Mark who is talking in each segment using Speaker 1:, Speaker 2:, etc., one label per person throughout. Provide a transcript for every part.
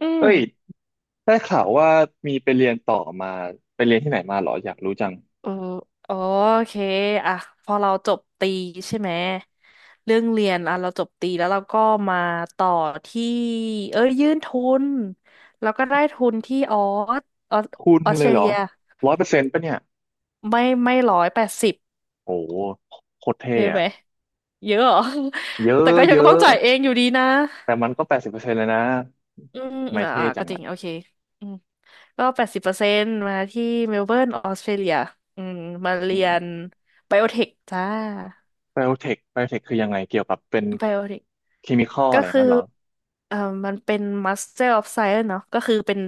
Speaker 1: อื
Speaker 2: เอ้
Speaker 1: ม
Speaker 2: ยได้ข่าวว่ามีไปเรียนต่อมาไปเรียนที่ไหนมาเหรออยากรู้จัง
Speaker 1: เออโอเคอ่ะพอเราจบตรีใช่ไหมเรื่องเรียนอ่ะเราจบตรีแล้วเราก็มาต่อที่เอ้ยยื่นทุนแล้วก็ได้ทุนที่สออส
Speaker 2: ทุน
Speaker 1: ออส
Speaker 2: เล
Speaker 1: เตร
Speaker 2: ยเหรอ
Speaker 1: เลีย
Speaker 2: ร้อยเปอร์เซ็นต์ปะเนี่ย
Speaker 1: ไม่180
Speaker 2: โอ้โหโคตรเท่
Speaker 1: เยอะไห
Speaker 2: อะ
Speaker 1: มเยอะเหรอ
Speaker 2: เย
Speaker 1: แต่
Speaker 2: อะ
Speaker 1: ก็ยั
Speaker 2: เย
Speaker 1: งต้อง
Speaker 2: อะ
Speaker 1: จ่ายเองอยู่ดีนะ
Speaker 2: แต่มันก็แปดสิบเปอร์เซ็นต์เลยนะ
Speaker 1: อืม
Speaker 2: ไม่
Speaker 1: อ่า
Speaker 2: เท่
Speaker 1: อ่า
Speaker 2: จั
Speaker 1: ก็
Speaker 2: ง
Speaker 1: จริง
Speaker 2: อ่ะ
Speaker 1: โอเคอืมก็80%มาที่เมลเบิร์นออสเตรเลียอืมมาเรี
Speaker 2: อืม
Speaker 1: ยนไบโอเทคจ้า
Speaker 2: ไบโอเทคคือยังไงเกี่ยวกับเป็น
Speaker 1: ไบโอเทค
Speaker 2: เคมีคอลอะ
Speaker 1: ก็
Speaker 2: ไรอย่าง
Speaker 1: คือ
Speaker 2: นั้นเหรอ
Speaker 1: เอ่อมันเป็น Master of Science เนาะก็คือเป็น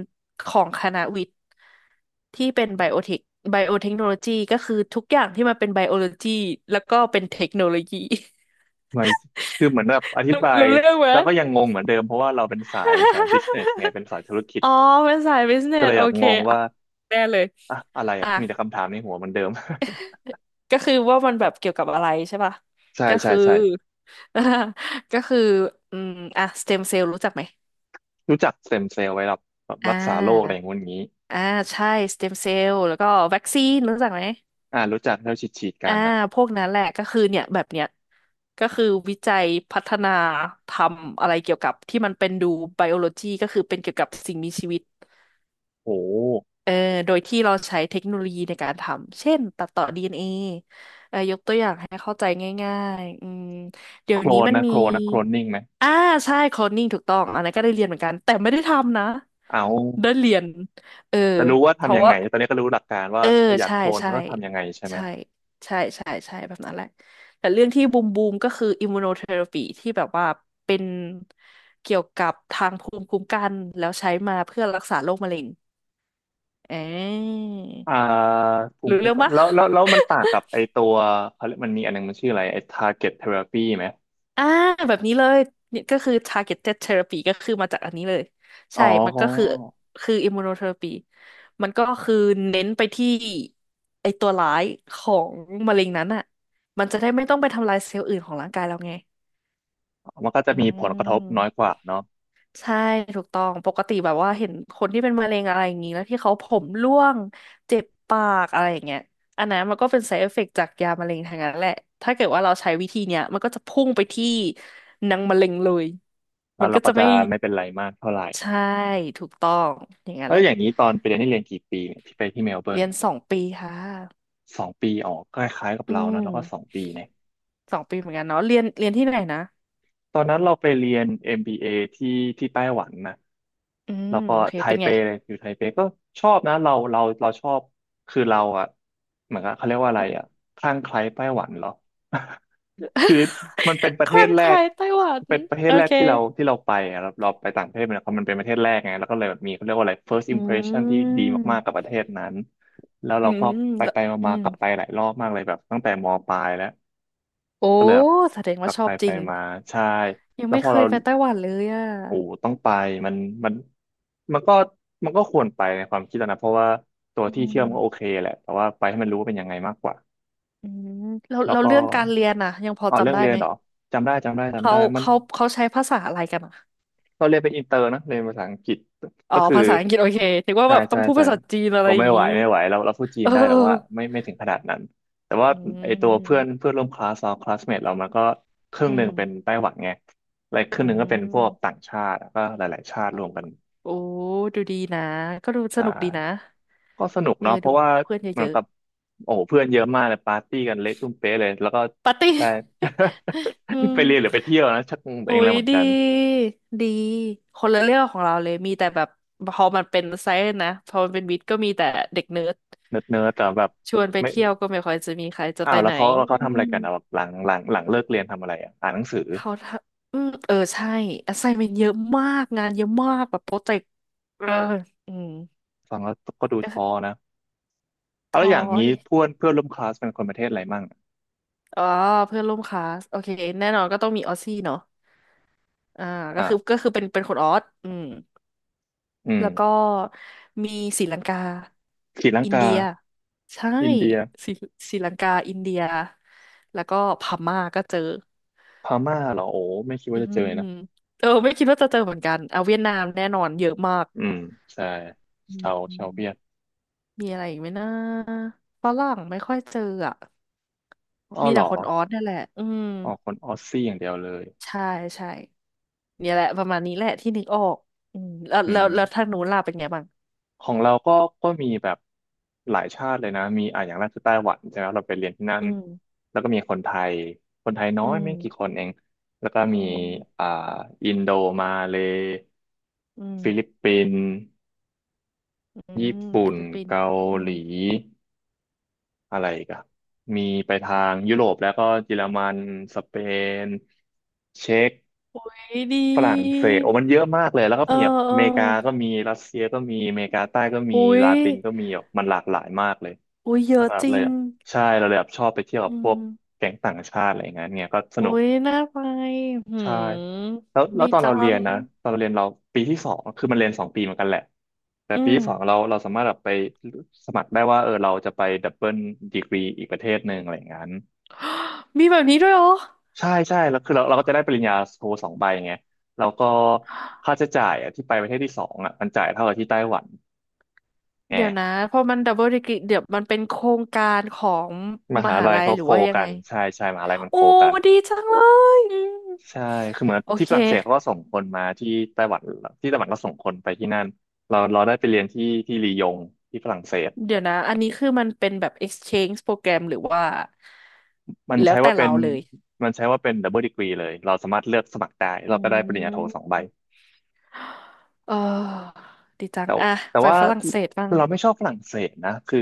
Speaker 1: ของคณะวิทย์ที่เป็นไบโอเทคไบโอเทคโนโลยีก็คือทุกอย่างที่มันเป็นไบโอโลจีแล้วก็เป็นเทคโนโลยี
Speaker 2: ไม่คือเหมือนแบบอ ธิ
Speaker 1: รู้
Speaker 2: บาย
Speaker 1: รู้เรื่องไหม
Speaker 2: แล้วก็ยังงงเหมือนเดิมเพราะว่าเราเป็นสายบิสเนสไง เป็นสายธุรกิจ
Speaker 1: อ๋อเป็นสายบิสเน
Speaker 2: ก็เล
Speaker 1: ส
Speaker 2: ย
Speaker 1: โอ
Speaker 2: แบบ
Speaker 1: เค
Speaker 2: งง
Speaker 1: อ่ะ
Speaker 2: ว่า
Speaker 1: แน่เลย
Speaker 2: อะอะไรอ่ะ
Speaker 1: อ่ะ
Speaker 2: มีแต่คำถามในหัวเหมือนเดิม
Speaker 1: ก็คือว่ามันแบบเกี่ยวกับอะไรใช่ป่ะ
Speaker 2: ใช่
Speaker 1: ก็
Speaker 2: ใช่
Speaker 1: คือ
Speaker 2: ใช่
Speaker 1: ก็คืออืมอ่ะสเต็มเซลล์รู้จักไหม
Speaker 2: รู้จักสเต็มเซลล์ไว้แบบแบบ
Speaker 1: อ่า
Speaker 2: รักษาโรคอะไรอย่างงู้นอย่างนี้
Speaker 1: อ่าใช่สเต็มเซลล์แล้วก็วัคซีนรู้จักไหม
Speaker 2: อ่ารู้จักที่เราฉีดกั
Speaker 1: อ่า
Speaker 2: นนะ
Speaker 1: พวกนั้นแหละก็คือเนี่ยแบบเนี้ยก็คือวิจัยพัฒนาทำอะไรเกี่ยวกับที่มันเป็นดูไบโอโลจีก็คือเป็นเกี่ยวกับสิ่งมีชีวิต
Speaker 2: โอ้
Speaker 1: เอ่อโดยที่เราใช้เทคโนโลยีในการทำเช่นตัดต่อ DNA เอนเอยกตัวอย่างให้เข้าใจง่ายๆอืมเดี๋
Speaker 2: โค
Speaker 1: ยว
Speaker 2: ล
Speaker 1: นี้
Speaker 2: น
Speaker 1: มัน
Speaker 2: นะ
Speaker 1: มี
Speaker 2: โคลนนะโคลนนิ่งไหม
Speaker 1: อ่าใช่โคลนนิ่งถูกต้องอันนั้นก็ได้เรียนเหมือนกันแต่ไม่ได้ทำนะ
Speaker 2: เอา
Speaker 1: ได้เรียนเออ
Speaker 2: แต่รู้ว่า
Speaker 1: เพ
Speaker 2: ทำ
Speaker 1: ราะ
Speaker 2: ยัง
Speaker 1: ว่า
Speaker 2: ไงตอนนี้ก็รู้หลักการว่า
Speaker 1: เออ
Speaker 2: เอออยาก
Speaker 1: ใช่
Speaker 2: โคลนม
Speaker 1: ใช่
Speaker 2: นก็ทำยังไงใช่ไหม
Speaker 1: ใช่ใช่ใช่ใช่แบบนั้นแหละแต่เรื่องที่บูมก็คืออิมมูโนเทอราปีที่แบบว่าเป็นเกี่ยวกับทางภูมิคุ้มกันแล้วใช้มาเพื่อรักษาโรคมะเร็งเออ
Speaker 2: อ่าภูมิ
Speaker 1: รู้
Speaker 2: คุ้ม
Speaker 1: เรื่อง
Speaker 2: กัน
Speaker 1: ปะ
Speaker 2: แล้วมันต่างกับไอตัวเขาเรียกมันมีอันหนึงมันชื่ออะไรไอ target therapy ไหม
Speaker 1: อ่าแบบนี้เลยนี่ก็คือ targeted therapy ก็คือมาจากอันนี้เลย
Speaker 2: อ๋อ
Speaker 1: ใช่มัน
Speaker 2: ก็
Speaker 1: ก็คือคือ immunotherapy มันก็คือเน้นไปที่ไอตัวร้ายของมะเร็งนั้นอ่ะมันจะได้ไม่ต้องไปทำลายเซลล์อื่นของร่างกายเราไง
Speaker 2: มันก็จะ
Speaker 1: อื
Speaker 2: มีผลกระทบน้อย
Speaker 1: ม
Speaker 2: กว่าเนาะ
Speaker 1: ใช่ถูกต้องปกติแบบว่าเห็นคนที่เป็นมะเร็งอะไรอย่างนี้แล้วที่เขาผมร่วงเจ็บปากอะไรอย่างเงี้ยอันนั้นมันก็เป็น side effect จากยามะเร็งทางนั้นแหละถ้าเกิดว่าเราใช้วิธีเนี้ยมันก็จะพุ่งไปที่นางมะเร็งเลย
Speaker 2: แล้
Speaker 1: มั
Speaker 2: ว
Speaker 1: น
Speaker 2: เรา
Speaker 1: ก็
Speaker 2: ก็
Speaker 1: จะ
Speaker 2: จะ
Speaker 1: ไม่
Speaker 2: ไม่เป็นไรมากเท่าไหร่
Speaker 1: ใช่ถูกต้องอย่างนั้น
Speaker 2: แล้
Speaker 1: แห
Speaker 2: ว
Speaker 1: ละ
Speaker 2: อย่างนี้ตอนไปเรียนนี่เรียนกี่ปีเนี่ยที่ไปที่เมลเบิร์น
Speaker 1: เรียนสองปีค่ะ
Speaker 2: สองปีอ๋อคล้ายๆกับ
Speaker 1: อื
Speaker 2: เรานะแล้วก็สอง
Speaker 1: ม
Speaker 2: ปีเนี่ย
Speaker 1: สองปีเหมือนกันเนาะเรียนเรียนที่ไหนนะ
Speaker 2: ตอนนั้นเราไปเรียน MBA ที่ที่ไต้หวันนะ
Speaker 1: อื
Speaker 2: แล้
Speaker 1: ม
Speaker 2: วก็
Speaker 1: โอเค
Speaker 2: ไท
Speaker 1: เป็น
Speaker 2: เป
Speaker 1: ไง
Speaker 2: เลยอยู่ไทเปก็ชอบนะเราชอบคือเราอะเหมือนกับเขาเรียกว่าอะไร
Speaker 1: อืม
Speaker 2: อะคลั่งไคล้ไต้หวันเหรอ คือมันเป็นประ
Speaker 1: ค
Speaker 2: เทศ
Speaker 1: ลั่ง
Speaker 2: แร
Speaker 1: ไค
Speaker 2: ก
Speaker 1: ล้ไต้หวัน
Speaker 2: เป็นประเทศ
Speaker 1: โอ
Speaker 2: แรก
Speaker 1: เค
Speaker 2: ที่เราที่เราไปอะเราไปต่างประเทศมันเป็นประเทศแรกไงแล้วก็เลยแบบมีเขาเรียกว่าอะไร first impression
Speaker 1: อื
Speaker 2: ที่ดีมากๆกับป
Speaker 1: ม
Speaker 2: ระเทศนั้น แล้ว
Speaker 1: อื
Speaker 2: เรา
Speaker 1: ม
Speaker 2: ก็ไป
Speaker 1: แล้ว
Speaker 2: ไป
Speaker 1: อื
Speaker 2: มา
Speaker 1: ม
Speaker 2: ๆกลับไปหลายรอบมากเลยแบบตั้งแต่มปลายแล้ว
Speaker 1: โอ้
Speaker 2: ก็เลยแบบ
Speaker 1: แสดง
Speaker 2: ก
Speaker 1: ว่า
Speaker 2: ลับ
Speaker 1: ชอ
Speaker 2: ไป
Speaker 1: บจ
Speaker 2: ไป
Speaker 1: ริง
Speaker 2: มาใช่
Speaker 1: ยัง
Speaker 2: แล้ว
Speaker 1: ไม่
Speaker 2: พอ
Speaker 1: เคย
Speaker 2: เรา
Speaker 1: ไปไต้หวันเลยอ่ะ
Speaker 2: โอ้ต้องไปมันมันมันก็ควรไปในความคิดเรานะเพราะว่าตัว
Speaker 1: อื
Speaker 2: ที่เที่ยวมันก็โอเค
Speaker 1: ม
Speaker 2: แหละแต่ว่าไปให้มันรู้ว่าเป็นยังไงมากกว่า
Speaker 1: อืมแล้ว
Speaker 2: แล้ว
Speaker 1: แล้ว
Speaker 2: ก็
Speaker 1: เรื่องการเรียนอ่ะยังพอ
Speaker 2: อ๋อเรื่อ
Speaker 1: จำ
Speaker 2: ง
Speaker 1: ได้
Speaker 2: เรียน
Speaker 1: ไหม
Speaker 2: เหรอจำได้จำได้จำ
Speaker 1: เขา
Speaker 2: ได้มัน
Speaker 1: เขาเขาใช้ภาษาอะไรกันอ่ะ
Speaker 2: เราเรียนเป็นอินเตอร์นะเรียนภาษาอังกฤษ
Speaker 1: อ๋อ
Speaker 2: ก็คือ
Speaker 1: ภาษาอังกฤษโอเคนึกว่า
Speaker 2: ใช่
Speaker 1: แบบต้อ
Speaker 2: ใช่
Speaker 1: งพูด
Speaker 2: ใช่
Speaker 1: ภาษาจีนอะไร
Speaker 2: เรา
Speaker 1: อ
Speaker 2: ไม่
Speaker 1: ย่าง
Speaker 2: ไหว
Speaker 1: งี้
Speaker 2: ไม่ไหวเราพูดจี
Speaker 1: เอ
Speaker 2: น
Speaker 1: อ
Speaker 2: ได้แต่ว่าไม่ถึงขนาดนั้นแต่ว่า
Speaker 1: อื
Speaker 2: ไอตัวเพื่อน
Speaker 1: ม
Speaker 2: เพื่อนร่วมคลาสเราคลาสเมทเรามันก็ครึ่
Speaker 1: อื
Speaker 2: งหนึ่
Speaker 1: ม
Speaker 2: งเป็นไต้หวันไงและครึ่
Speaker 1: อื
Speaker 2: งหนึ่งก็เป็นพวกต่า
Speaker 1: ม
Speaker 2: งชาติแล้วก็หลายๆชาติ
Speaker 1: อ่ะ
Speaker 2: รวมกัน
Speaker 1: โอ้ดูดีนะก็ดูส
Speaker 2: ใช่
Speaker 1: นุกดีนะ
Speaker 2: ก็สนุก
Speaker 1: เออ
Speaker 2: เนาะเพ
Speaker 1: ดู
Speaker 2: ราะว่า
Speaker 1: เพื่อน
Speaker 2: เหมื
Speaker 1: เย
Speaker 2: อน
Speaker 1: อะ
Speaker 2: กับ
Speaker 1: ๆ
Speaker 2: โอ้โหเพื่อนเยอะมากเลยปาร์ตี้กันเละตุ้มเป๊ะเลยแล้วก็
Speaker 1: ปาร์ตี้
Speaker 2: ได้
Speaker 1: อื ม
Speaker 2: ไปเรียนหรือไปเที่ยวนะชักงงตัว
Speaker 1: อุ๊
Speaker 2: เองแล้
Speaker 1: ย
Speaker 2: วเหมือน
Speaker 1: ดี
Speaker 2: กัน
Speaker 1: ดีคนละเรื่องของเราเลยมีแต่แบบพอมันเป็นไซส์นะพอมันเป็นวิทย์ก็มีแต่เด็กเนิร์ด
Speaker 2: เนิร์ดๆแต่แบบ
Speaker 1: ชวนไป
Speaker 2: ไม่
Speaker 1: เที่ยวก็ไม่ค่อยจะมีใครจะ
Speaker 2: อ้า
Speaker 1: ไป
Speaker 2: วแล้
Speaker 1: ไห
Speaker 2: ว
Speaker 1: น
Speaker 2: เขาแล้วเขา
Speaker 1: อื
Speaker 2: ทำอะไร
Speaker 1: ม
Speaker 2: กันอ่ะแบบหลังเลิกเรียนทำอะไรอ่ะอ่านหนังสือ
Speaker 1: เขาทำอืมเออใช่ assignment เยอะมากงานเยอะมากแบบโปรเจกต์เอออืม
Speaker 2: ฟังแล้วก็ดู
Speaker 1: ก็คื
Speaker 2: ท้
Speaker 1: อ
Speaker 2: อนะเอาแล้ว
Speaker 1: ท้อ
Speaker 2: อย่างนี้
Speaker 1: ดิ
Speaker 2: เพื่อนเพื่อนร่วมคลาสเป็นคนประเทศอะไรมั่ง
Speaker 1: อ๋อเพื่อนร่วมคลาสโอเคแน่นอนก็ต้องมีออสซี่เนาะอ่าก็คือ
Speaker 2: อ่า
Speaker 1: ก็คือเป็นคนออสอืม
Speaker 2: อืม
Speaker 1: แล้วก็มีศรีลังกา
Speaker 2: ศรีลัง
Speaker 1: อิน
Speaker 2: กา
Speaker 1: เดียใช่
Speaker 2: อินเดีย
Speaker 1: ศรีศรีลังกาอินเดียแล้วก็พม่าก็เจอ
Speaker 2: พม่าเหรอโอ้ไม่คิด
Speaker 1: อื
Speaker 2: ว่าจะ
Speaker 1: ม
Speaker 2: เจอนะ
Speaker 1: เออไม่คิดว่าจะเจอเหมือนกันเอาเวียดนามแน่นอนเยอะมาก
Speaker 2: อืมใช่
Speaker 1: อื
Speaker 2: ชาวชาวเวียด
Speaker 1: มมีอะไรอีกไหมนะฝรั่งไม่ค่อยเจออ่ะ
Speaker 2: อ้อ
Speaker 1: มี
Speaker 2: เหร
Speaker 1: แต่
Speaker 2: อ
Speaker 1: คนออสนั่นแหละอืม
Speaker 2: อ๋อคนออสซี่อย่างเดียวเลย
Speaker 1: ใช่ใช่เนี่ยแหละประมาณนี้แหละที่นึกออกอืมแล้ว
Speaker 2: อื
Speaker 1: แล้วแล้วทาง
Speaker 2: ม
Speaker 1: นู้นล่ะเป็นไงบ้าง
Speaker 2: ของเราก็ก็มีแบบหลายชาติเลยนะมีอ่ะอย่างแรกคือไต้หวันใช่ไหมเราไปเรียนที่นั่น
Speaker 1: อืม
Speaker 2: แล้วก็มีคนไทยคนไทยน้อ
Speaker 1: อื
Speaker 2: ย
Speaker 1: ม
Speaker 2: ไม่กี่คนเองแล้วก็
Speaker 1: อื
Speaker 2: มี
Speaker 1: ม
Speaker 2: อ่าอินโดมาเลย์
Speaker 1: อืม
Speaker 2: ฟิลิปปินส์
Speaker 1: อื
Speaker 2: ญี่
Speaker 1: ม
Speaker 2: ปุ่
Speaker 1: ฟิ
Speaker 2: น
Speaker 1: ลิปปินส์
Speaker 2: เกา
Speaker 1: อื
Speaker 2: ห
Speaker 1: ม
Speaker 2: ลี อะไรอีกันมีไปทางยุโรปแล้วก็เยอรมันสเปนเช็ก
Speaker 1: ดีด
Speaker 2: ฝรั่ง
Speaker 1: ี
Speaker 2: เศสโอ้มันเยอะมากเลยแล้วก็
Speaker 1: เออ
Speaker 2: มีแบบ
Speaker 1: เอ
Speaker 2: อเมริกาก็
Speaker 1: อ
Speaker 2: มีรัสเซียก็มีอเมริกาใต้ก็มี
Speaker 1: อุ้ย
Speaker 2: ลาตินก็มีแบบมันหลากหลายมากเลย
Speaker 1: อุ้ยเย
Speaker 2: นะ
Speaker 1: อะ
Speaker 2: ครับ
Speaker 1: จริ
Speaker 2: เลย
Speaker 1: ง
Speaker 2: แบบใช่เราเลยแบบชอบไปเที่ยวกั
Speaker 1: อื
Speaker 2: บพวก
Speaker 1: ม
Speaker 2: แก๊งต่างชาติอะไรอย่างเงี้ยเนี่ยก็ส
Speaker 1: อุ้
Speaker 2: นุก
Speaker 1: ยน่าไปหื
Speaker 2: ใช่
Speaker 1: ม
Speaker 2: แล้วแล้
Speaker 1: ดี
Speaker 2: วตอน
Speaker 1: จั
Speaker 2: เราเรีย
Speaker 1: ง
Speaker 2: นนะตอนเราเรียนเราปีที่สองคือมันเรียนสองปีเหมือนกันแหละแต่
Speaker 1: อื
Speaker 2: ปี
Speaker 1: ม
Speaker 2: ที่สองเราสามารถแบบไปสมัครได้ว่าเออเราจะไปดับเบิลดีกรีอีกประเทศหนึ่งอะไรอย่างนั้น
Speaker 1: มีแบบนี้ด้วยเหรอ
Speaker 2: ใช่ใช่แล้วคือเราก็จะได้ปริญญาโทสองใบไงแล้วก็ค่าใช้จ่ายอะที่ไปประเทศที่สองอ่ะมันจ่ายเท่ากับที่ไต้หวัน
Speaker 1: เดี๋ยว
Speaker 2: แห
Speaker 1: นะ
Speaker 2: ม
Speaker 1: พอมันดับเบิลดีกรีเดี๋ยวมันเป็นโครงการของ
Speaker 2: ม
Speaker 1: ม
Speaker 2: หา
Speaker 1: หา
Speaker 2: ลัย
Speaker 1: ลัย
Speaker 2: เขา
Speaker 1: หรือ
Speaker 2: โค
Speaker 1: ว่ายัง
Speaker 2: กั
Speaker 1: ไง
Speaker 2: นใช่ใช่มหาลัยมัน
Speaker 1: โอ้
Speaker 2: โคกัน
Speaker 1: ดีจังเลยอืม
Speaker 2: ใช่คือเหมือน
Speaker 1: โอ
Speaker 2: ที่
Speaker 1: เค
Speaker 2: ฝรั่งเศสเขาก็ส่งคนมาที่ไต้หวันที่ไต้หวันก็ส่งคนไปที่นั่นเราได้ไปเรียนที่ลียงที่ฝรั่งเศส
Speaker 1: เดี๋ยวนะอันนี้คือมันเป็นแบบ exchange โปรแกรมหรือว่า
Speaker 2: มัน
Speaker 1: แล้ว
Speaker 2: ใช้
Speaker 1: แต่
Speaker 2: ว่าเป็
Speaker 1: เรา
Speaker 2: น
Speaker 1: เลย
Speaker 2: มันใช้ว่าเป็นดับเบิลดีกรีเลยเราสามารถเลือกสมัครได้
Speaker 1: อื
Speaker 2: เราก็ได้ปริญญาโทสอง
Speaker 1: ม
Speaker 2: ใบ
Speaker 1: เออดีจัง
Speaker 2: แต่
Speaker 1: อ่ะ
Speaker 2: แต่
Speaker 1: ไป
Speaker 2: ว่า
Speaker 1: ฝรั่งเศสบ้าง
Speaker 2: เราไม่ชอบฝรั่งเศสนะคือ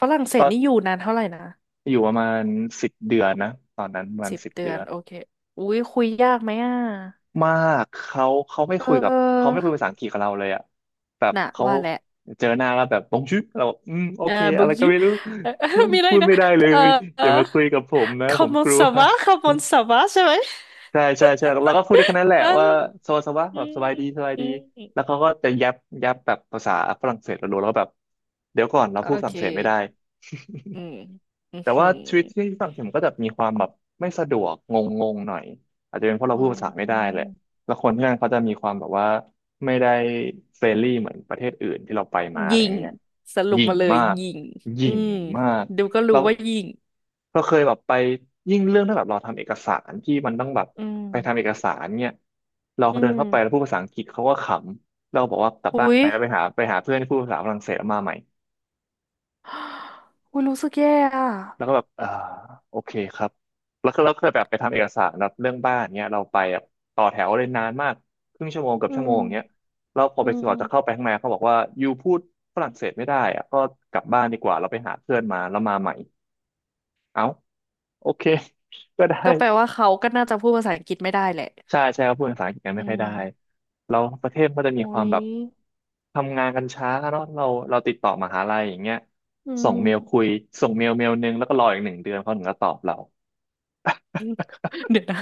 Speaker 1: ฝรั่งเศส
Speaker 2: ก็
Speaker 1: นี่อยู่นานเท่าไหร่นะ
Speaker 2: อยู่ประมาณสิบเดือนนะตอนนั้นประมาณ
Speaker 1: สิบ
Speaker 2: สิบ
Speaker 1: เดื
Speaker 2: เดื
Speaker 1: อ
Speaker 2: อ
Speaker 1: น
Speaker 2: น
Speaker 1: โอเคอุ้ยคุยยากไหมอ่ะ
Speaker 2: มากเขาเขาไม่
Speaker 1: เ
Speaker 2: คุยกับเขา
Speaker 1: ออ
Speaker 2: ไม่คุยภาษาอังกฤษกับเราเลยอ่ะแบบ
Speaker 1: น่ะ
Speaker 2: เขา
Speaker 1: ว่าแหละ
Speaker 2: เจอหน้าแล้วแบบบงชื่อเราบอกอืมโอ
Speaker 1: เออ
Speaker 2: เค
Speaker 1: บอ
Speaker 2: อะ
Speaker 1: ก
Speaker 2: ไรก็
Speaker 1: ยู
Speaker 2: ไม่รู้
Speaker 1: เออ มี อะไร
Speaker 2: พูด
Speaker 1: นะ
Speaker 2: ไม่ได้เล
Speaker 1: เออ
Speaker 2: ย
Speaker 1: เอ
Speaker 2: อ
Speaker 1: อ
Speaker 2: ย่ามาคุยกับผมนะผมก
Speaker 1: comment
Speaker 2: ลัว
Speaker 1: ça va comment ça va ใช่ไหม
Speaker 2: ใช่ใช่ใช่เราก็พูดได้แค่นั้นแหละ
Speaker 1: เอ
Speaker 2: ว่า
Speaker 1: อ
Speaker 2: สวัสดี
Speaker 1: อื
Speaker 2: แบบ
Speaker 1: ม
Speaker 2: สบายดีสบาย
Speaker 1: อื
Speaker 2: ดีแล้ว
Speaker 1: ม
Speaker 2: เขาก็จะยับแบบภาษาฝรั่งเศสเราดูแล้วก็แบบเดี๋ยวก่อนเรา
Speaker 1: โอ
Speaker 2: พูดฝ
Speaker 1: เค
Speaker 2: รั่งเศสไม่ได้
Speaker 1: อื มอืมอ
Speaker 2: แต่
Speaker 1: หื
Speaker 2: ว่า
Speaker 1: อ
Speaker 2: ชีวิตที่ฝรั่งเศสมก็จะมีความแบบไม่สะดวกงงงหน่อยอาจจะเป็นเพราะเรา
Speaker 1: อื
Speaker 2: พูดภาษาไม่ได้แหละ
Speaker 1: ม
Speaker 2: แล้วคนที่นั่นเขาจะมีความแบบว่าไม่ได้เฟรนลี่เหมือนประเทศอื่นที่เราไปมาอะ
Speaker 1: ยิ
Speaker 2: ไรอ
Speaker 1: ง
Speaker 2: ย่างเงี้ย
Speaker 1: สรุ
Speaker 2: ห
Speaker 1: ป
Speaker 2: ยิ่ง
Speaker 1: มาเลย
Speaker 2: มาก
Speaker 1: ยิง
Speaker 2: ห
Speaker 1: อื
Speaker 2: ยิ่ง
Speaker 1: ม
Speaker 2: มาก
Speaker 1: ดูก็
Speaker 2: แล้
Speaker 1: รู้
Speaker 2: ว
Speaker 1: ว่ายิง
Speaker 2: เราเคยแบบไปยิ่งเรื่องที่แบบเราทำเอกสารที่มันต้องแบบ
Speaker 1: อืม
Speaker 2: ไปทำเอกสารเนี่ยเรา
Speaker 1: อื
Speaker 2: เดิน
Speaker 1: ม
Speaker 2: เข้าไปแล้วพูดภาษาอังกฤษเขาก็ขำเราบอกว่ากลับบ้าน
Speaker 1: อุ๊ย
Speaker 2: ไปแล้วไปหาเพื่อนที่พูดภาษาฝรั่งเศสแล้วมาใหม่
Speaker 1: อุ๊ยรู้สึกแย่อะ
Speaker 2: แล้วก็แบบอ่าโอเคครับแล้วก็เราเคยแบบไปทำเอกสารแบบเรื่องบ้านเนี้ยเราไปแบบต่อแถวเลยนานมากครึ่งชั่วโมงเกับ
Speaker 1: อื
Speaker 2: ชั่วโม
Speaker 1: ม
Speaker 2: งเนี้ยแล้วพอ
Speaker 1: อื
Speaker 2: ไปสอบจะเข้าไป
Speaker 1: ม
Speaker 2: ข้างในเขาบอกว่ายูพูดฝรั่งเศสไม่ได้อะก็กลับบ้านดีกว่าเราไปหาเพื่อนมาแล้วมาใหม่เอ้าโอเค ก็ได้
Speaker 1: ก็แปลว่าเขาก็น่าจะพูดภาษาอังกฤษไม่ได้แหละ
Speaker 2: ใช่ใช่เขาพูดภาษาอังกฤษกัน
Speaker 1: อื
Speaker 2: ไม่ค่อย
Speaker 1: ม
Speaker 2: ได้เราประเทศก็จะมี
Speaker 1: อุ้
Speaker 2: ความ
Speaker 1: ย
Speaker 2: แบบทำงานกันช้าเนาะเราติดต่อมหาลัยอย่างเงี้ย
Speaker 1: อื
Speaker 2: ส่งเมลคุ
Speaker 1: ม
Speaker 2: ยส่งเมลนึงแล้วก็รออีก1 เดือนเขาถึงจะตอบเรา
Speaker 1: เดี๋ยวนะ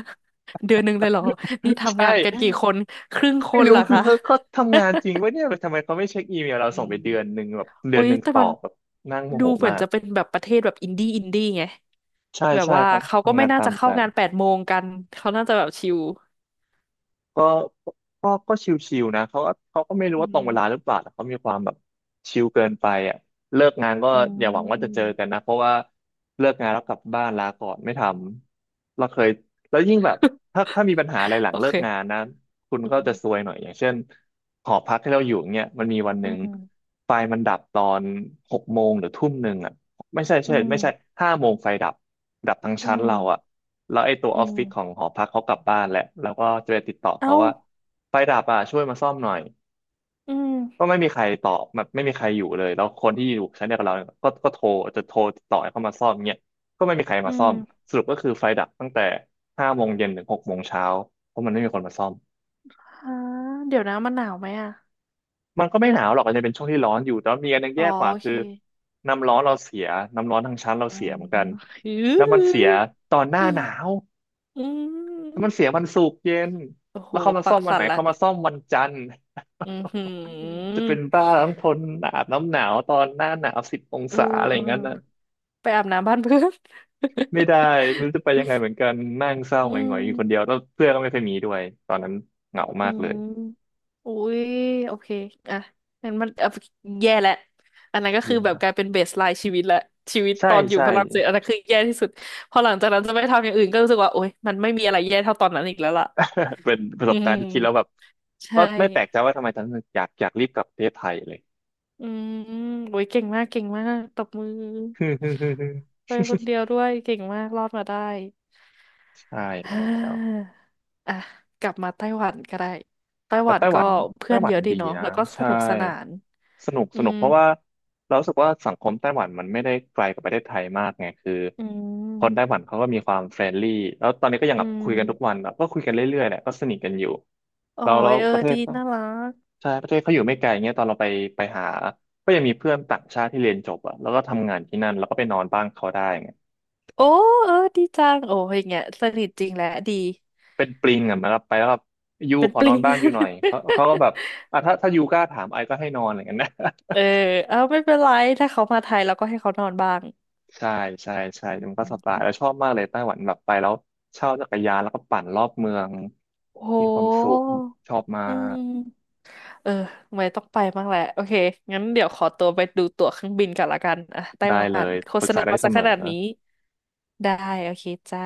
Speaker 1: เดือนหนึ่งเลยเหรอนี่ ทำ
Speaker 2: ใช่
Speaker 1: งานกันกี่คนครึ่งค
Speaker 2: ไม่
Speaker 1: น
Speaker 2: รู้
Speaker 1: เหรอ
Speaker 2: คือ
Speaker 1: คะ
Speaker 2: เขาทำงานจริงว่าเนี่ยทำไมเขาไม่เช็คอีเมลเรา
Speaker 1: อื
Speaker 2: ส่งไป
Speaker 1: ม
Speaker 2: เดือนหนึ่งแบบเดือ
Speaker 1: อุ้
Speaker 2: น
Speaker 1: ย
Speaker 2: หนึ่ง
Speaker 1: แต่
Speaker 2: ตอ
Speaker 1: มัน
Speaker 2: บแบบนั่งโม
Speaker 1: ดู
Speaker 2: โห
Speaker 1: เหมือ
Speaker 2: มา
Speaker 1: น
Speaker 2: ก
Speaker 1: จะเป็นแบบประเทศแบบอินดี้ไง
Speaker 2: ใช่
Speaker 1: แบบ
Speaker 2: ใช่
Speaker 1: ว่าเขา
Speaker 2: ทำ
Speaker 1: ก็
Speaker 2: ทำ
Speaker 1: ไม่
Speaker 2: งาน
Speaker 1: น่า
Speaker 2: ตา
Speaker 1: จะ
Speaker 2: มใจ
Speaker 1: เข้างาน8 โมงกันเขาน่าจะแบบชิล
Speaker 2: ก็ก็ชิวๆนะเขาก็ไม่รู้
Speaker 1: อื
Speaker 2: ว่าตรง
Speaker 1: ม
Speaker 2: เวลาหรือเปล่าแต่เขามีความแบบชิลเกินไปอ่ะเลิกงานก็
Speaker 1: อื
Speaker 2: อย่าหวังว่าจะเจ
Speaker 1: ม
Speaker 2: อกันนะเพราะว่าเลิกงานแล้วกลับบ้านลาก่อนไม่ทำเราเคยแล้วยิ่งแบบถ้ามีปัญหาอะไรห ลัง
Speaker 1: โอ
Speaker 2: เลิกงาน
Speaker 1: เค
Speaker 2: นะคุณ
Speaker 1: อื
Speaker 2: ก็จะ
Speaker 1: ม
Speaker 2: ซวยหน่อยอย่างเช่นหอพักที่เราอยู่เนี่ยมันมีวันห
Speaker 1: อื
Speaker 2: นึ่ง
Speaker 1: ม
Speaker 2: ไฟมันดับตอนหกโมงหรือทุ่มหนึ่งอ่ะ ไม่ใช่
Speaker 1: อื
Speaker 2: ใช่ไม่ใช่
Speaker 1: ม
Speaker 2: 5 โมงไฟดับทั้ง
Speaker 1: อื
Speaker 2: ชั้นเราอะ
Speaker 1: ม
Speaker 2: แล้วไอ้ตัว
Speaker 1: อื
Speaker 2: ออฟฟิศของ
Speaker 1: ม
Speaker 2: หอพักเขากลับบ้านแล้วแล้วก็จะไปติดต่อเขา
Speaker 1: เอ้า
Speaker 2: ว่าไฟดับอะช่วยมาซ่อมหน่อย
Speaker 1: อืม
Speaker 2: ก็ไม่มีใครตอบแบบไม่มีใครอยู่เลยแล้วคนที่อยู่ชั้นเดียวกับเราเนี่ยก็ก็โทรจะโทรติดต่อให้เขามาซ่อมเนี่ยก็ไม่มีใคร
Speaker 1: อื
Speaker 2: มาซ่อ
Speaker 1: ม
Speaker 2: มสรุปก็คือไฟดับตั้งแต่5 โมงเย็นถึง6 โมงเช้าเพราะมันไม่มีคนมาซ่อม
Speaker 1: ฮะเดี๋ยวนะมันหนาวไหมอ่ะ
Speaker 2: มันก็ไม่หนาวหรอกอาจจะเป็นช่วงที่ร้อนอยู่แต่ว่ามีอันหนึง
Speaker 1: อ๋อ
Speaker 2: แย่กว่า
Speaker 1: โอเค
Speaker 2: คือน้ำร้อนเราเสียน้ำร้อนทางชั้นเรา
Speaker 1: อื
Speaker 2: เสีย
Speaker 1: ม
Speaker 2: เหมือนกัน
Speaker 1: อื
Speaker 2: แล้วมันเสียตอนหน้าหนา
Speaker 1: อ
Speaker 2: ว
Speaker 1: อื
Speaker 2: แล้ว
Speaker 1: ม
Speaker 2: มันเสียวันศุกร์เย็น
Speaker 1: โอ้โห
Speaker 2: แล้วเขามา
Speaker 1: ปั
Speaker 2: ซ่อ
Speaker 1: ก
Speaker 2: มวัน
Speaker 1: สั่
Speaker 2: ไหน
Speaker 1: นละ
Speaker 2: เขามาซ่อมวันจันทร์
Speaker 1: อือหื อ
Speaker 2: จะเป็นบ้าต้องทนอาบน้ำหนาวตอนหน้าหนาวสิบอง
Speaker 1: เออ
Speaker 2: ศาอะไร
Speaker 1: เอ
Speaker 2: อ
Speaker 1: อ
Speaker 2: ย่างนั้นน่ะ
Speaker 1: ไปอาบน้ำบ้านเพื่อน
Speaker 2: ไม่ได้ไม่รู้จะไป ยังไงเหมือนกันนั่งเศร้า
Speaker 1: อื
Speaker 2: หงอยๆอยู่คนเดียว
Speaker 1: ม
Speaker 2: แล้วเพื่อนก็ไม่เคอยมีด้วยตอนนั้นเหงา
Speaker 1: อื
Speaker 2: มากเลย
Speaker 1: มอุ้ยโอเค อ่ะงั้นมันอ่ะแย่แล้วอันนั้นก็คือแบบ
Speaker 2: yeah.
Speaker 1: กลายเป็นเบสไลน์ชีวิตและ ชีวิต
Speaker 2: ใช่
Speaker 1: ตอนอยู่
Speaker 2: ใช่
Speaker 1: ฝรั่งเศสอันนั้นคือแย่ที่สุดพอหลังจากนั้นจะไม่ทำอย่างอื่นก็รู้สึกว่าโอ๊ย มันไม่มีอะไรแย่เท่าตอนนั้นอีกแล้วล่ะ
Speaker 2: เป็นประส
Speaker 1: อื
Speaker 2: บการณ์ที่คิดแล้วแบบ
Speaker 1: ม
Speaker 2: ก็
Speaker 1: ใช่
Speaker 2: ไม่แปลกใจว่าทำไมฉันอยากรีบกลับประเทศไทยเลย
Speaker 1: อืมโอ้ยเก่งมากเก่งมากตบมือ ไป คนเดียวด้วย เก่งมากรอดมาได้
Speaker 2: ใช่ แล้
Speaker 1: ฮ่
Speaker 2: ว
Speaker 1: าอ่ะกลับมาไต้หวันก็ได้ไต้
Speaker 2: แต่
Speaker 1: หวัน
Speaker 2: ไต้ห
Speaker 1: ก็
Speaker 2: วัน
Speaker 1: เพื่
Speaker 2: ไต้
Speaker 1: อน
Speaker 2: หวั
Speaker 1: เย
Speaker 2: น
Speaker 1: อะดี
Speaker 2: ดี
Speaker 1: เนาะ
Speaker 2: นะ
Speaker 1: แล้วก็ส
Speaker 2: ใช่
Speaker 1: นุกสนาน
Speaker 2: สนุก
Speaker 1: อื
Speaker 2: สนุก
Speaker 1: ม
Speaker 2: เพราะว่าเรารู้สึกว่าสังคมไต้หวันมันไม่ได้ไกลกับประเทศไทยมากไงคือ
Speaker 1: อื
Speaker 2: คนไต้
Speaker 1: ม
Speaker 2: หวันเขาก็มีความเฟรนลี่แล้วตอนนี้ก็ยัง
Speaker 1: อื
Speaker 2: แบบ
Speaker 1: ม
Speaker 2: คุยกันทุกวันแบบก็คุยกันเรื่อยๆแหละก็สนิทกันอยู่
Speaker 1: โอ้
Speaker 2: เรา
Speaker 1: ยเออ
Speaker 2: ประเท
Speaker 1: ดี
Speaker 2: ศก็
Speaker 1: น่ารัก
Speaker 2: ใช่ประเทศเขาอยู่ไม่ไกลเงี้ยตอนเราไปหาก็ยังมีเพื่อนต่างชาติที่เรียนจบอะแล้วก็ทำงานที่นั่นแล้วก็ไปนอนบ้านเขาได้ไง
Speaker 1: โอ้เออดีจังโอ้ยอย่างเงี้ยสนิทจริงแหละดี
Speaker 2: เป็นปลิงอะมันก็ไปแล้วแบบยู
Speaker 1: เป็น
Speaker 2: ขอ
Speaker 1: ป
Speaker 2: น
Speaker 1: ลิ
Speaker 2: อ
Speaker 1: ง
Speaker 2: นบ้านอยู่หน่อยเขาก็แบบอ่ะถ้ายูกล้าถามไอก็ให้นอนอะไรเงี้ยนะ
Speaker 1: เออเอาไม่เป็นไรถ้าเขามาไทยเราก็ให้เขานอนบ้าง
Speaker 2: ใช่ใช่ใช่
Speaker 1: อ
Speaker 2: มันก็สบาย
Speaker 1: ืม
Speaker 2: แล้วชอบมากเลยไต้หวันแบบไปแล้วเช่าจักรยานแล้วก็ปั่นรอบเมือง
Speaker 1: โอ้โห
Speaker 2: มีความสุขชอบมา
Speaker 1: อื
Speaker 2: ก
Speaker 1: มเออไม่ต้องไปบ้างแหละโอเคงั้นเดี๋ยวขอตัวไปดูตั๋วเครื่องบินกันละกันอ่ะไต้
Speaker 2: ได้
Speaker 1: ห
Speaker 2: เล
Speaker 1: วัน
Speaker 2: ย
Speaker 1: โฆ
Speaker 2: ปรึ
Speaker 1: ษ
Speaker 2: กษา
Speaker 1: ณา
Speaker 2: ได้
Speaker 1: มา
Speaker 2: เส
Speaker 1: ซะ
Speaker 2: ม
Speaker 1: ข
Speaker 2: อ
Speaker 1: นาดนี้ได้โอเคจ้า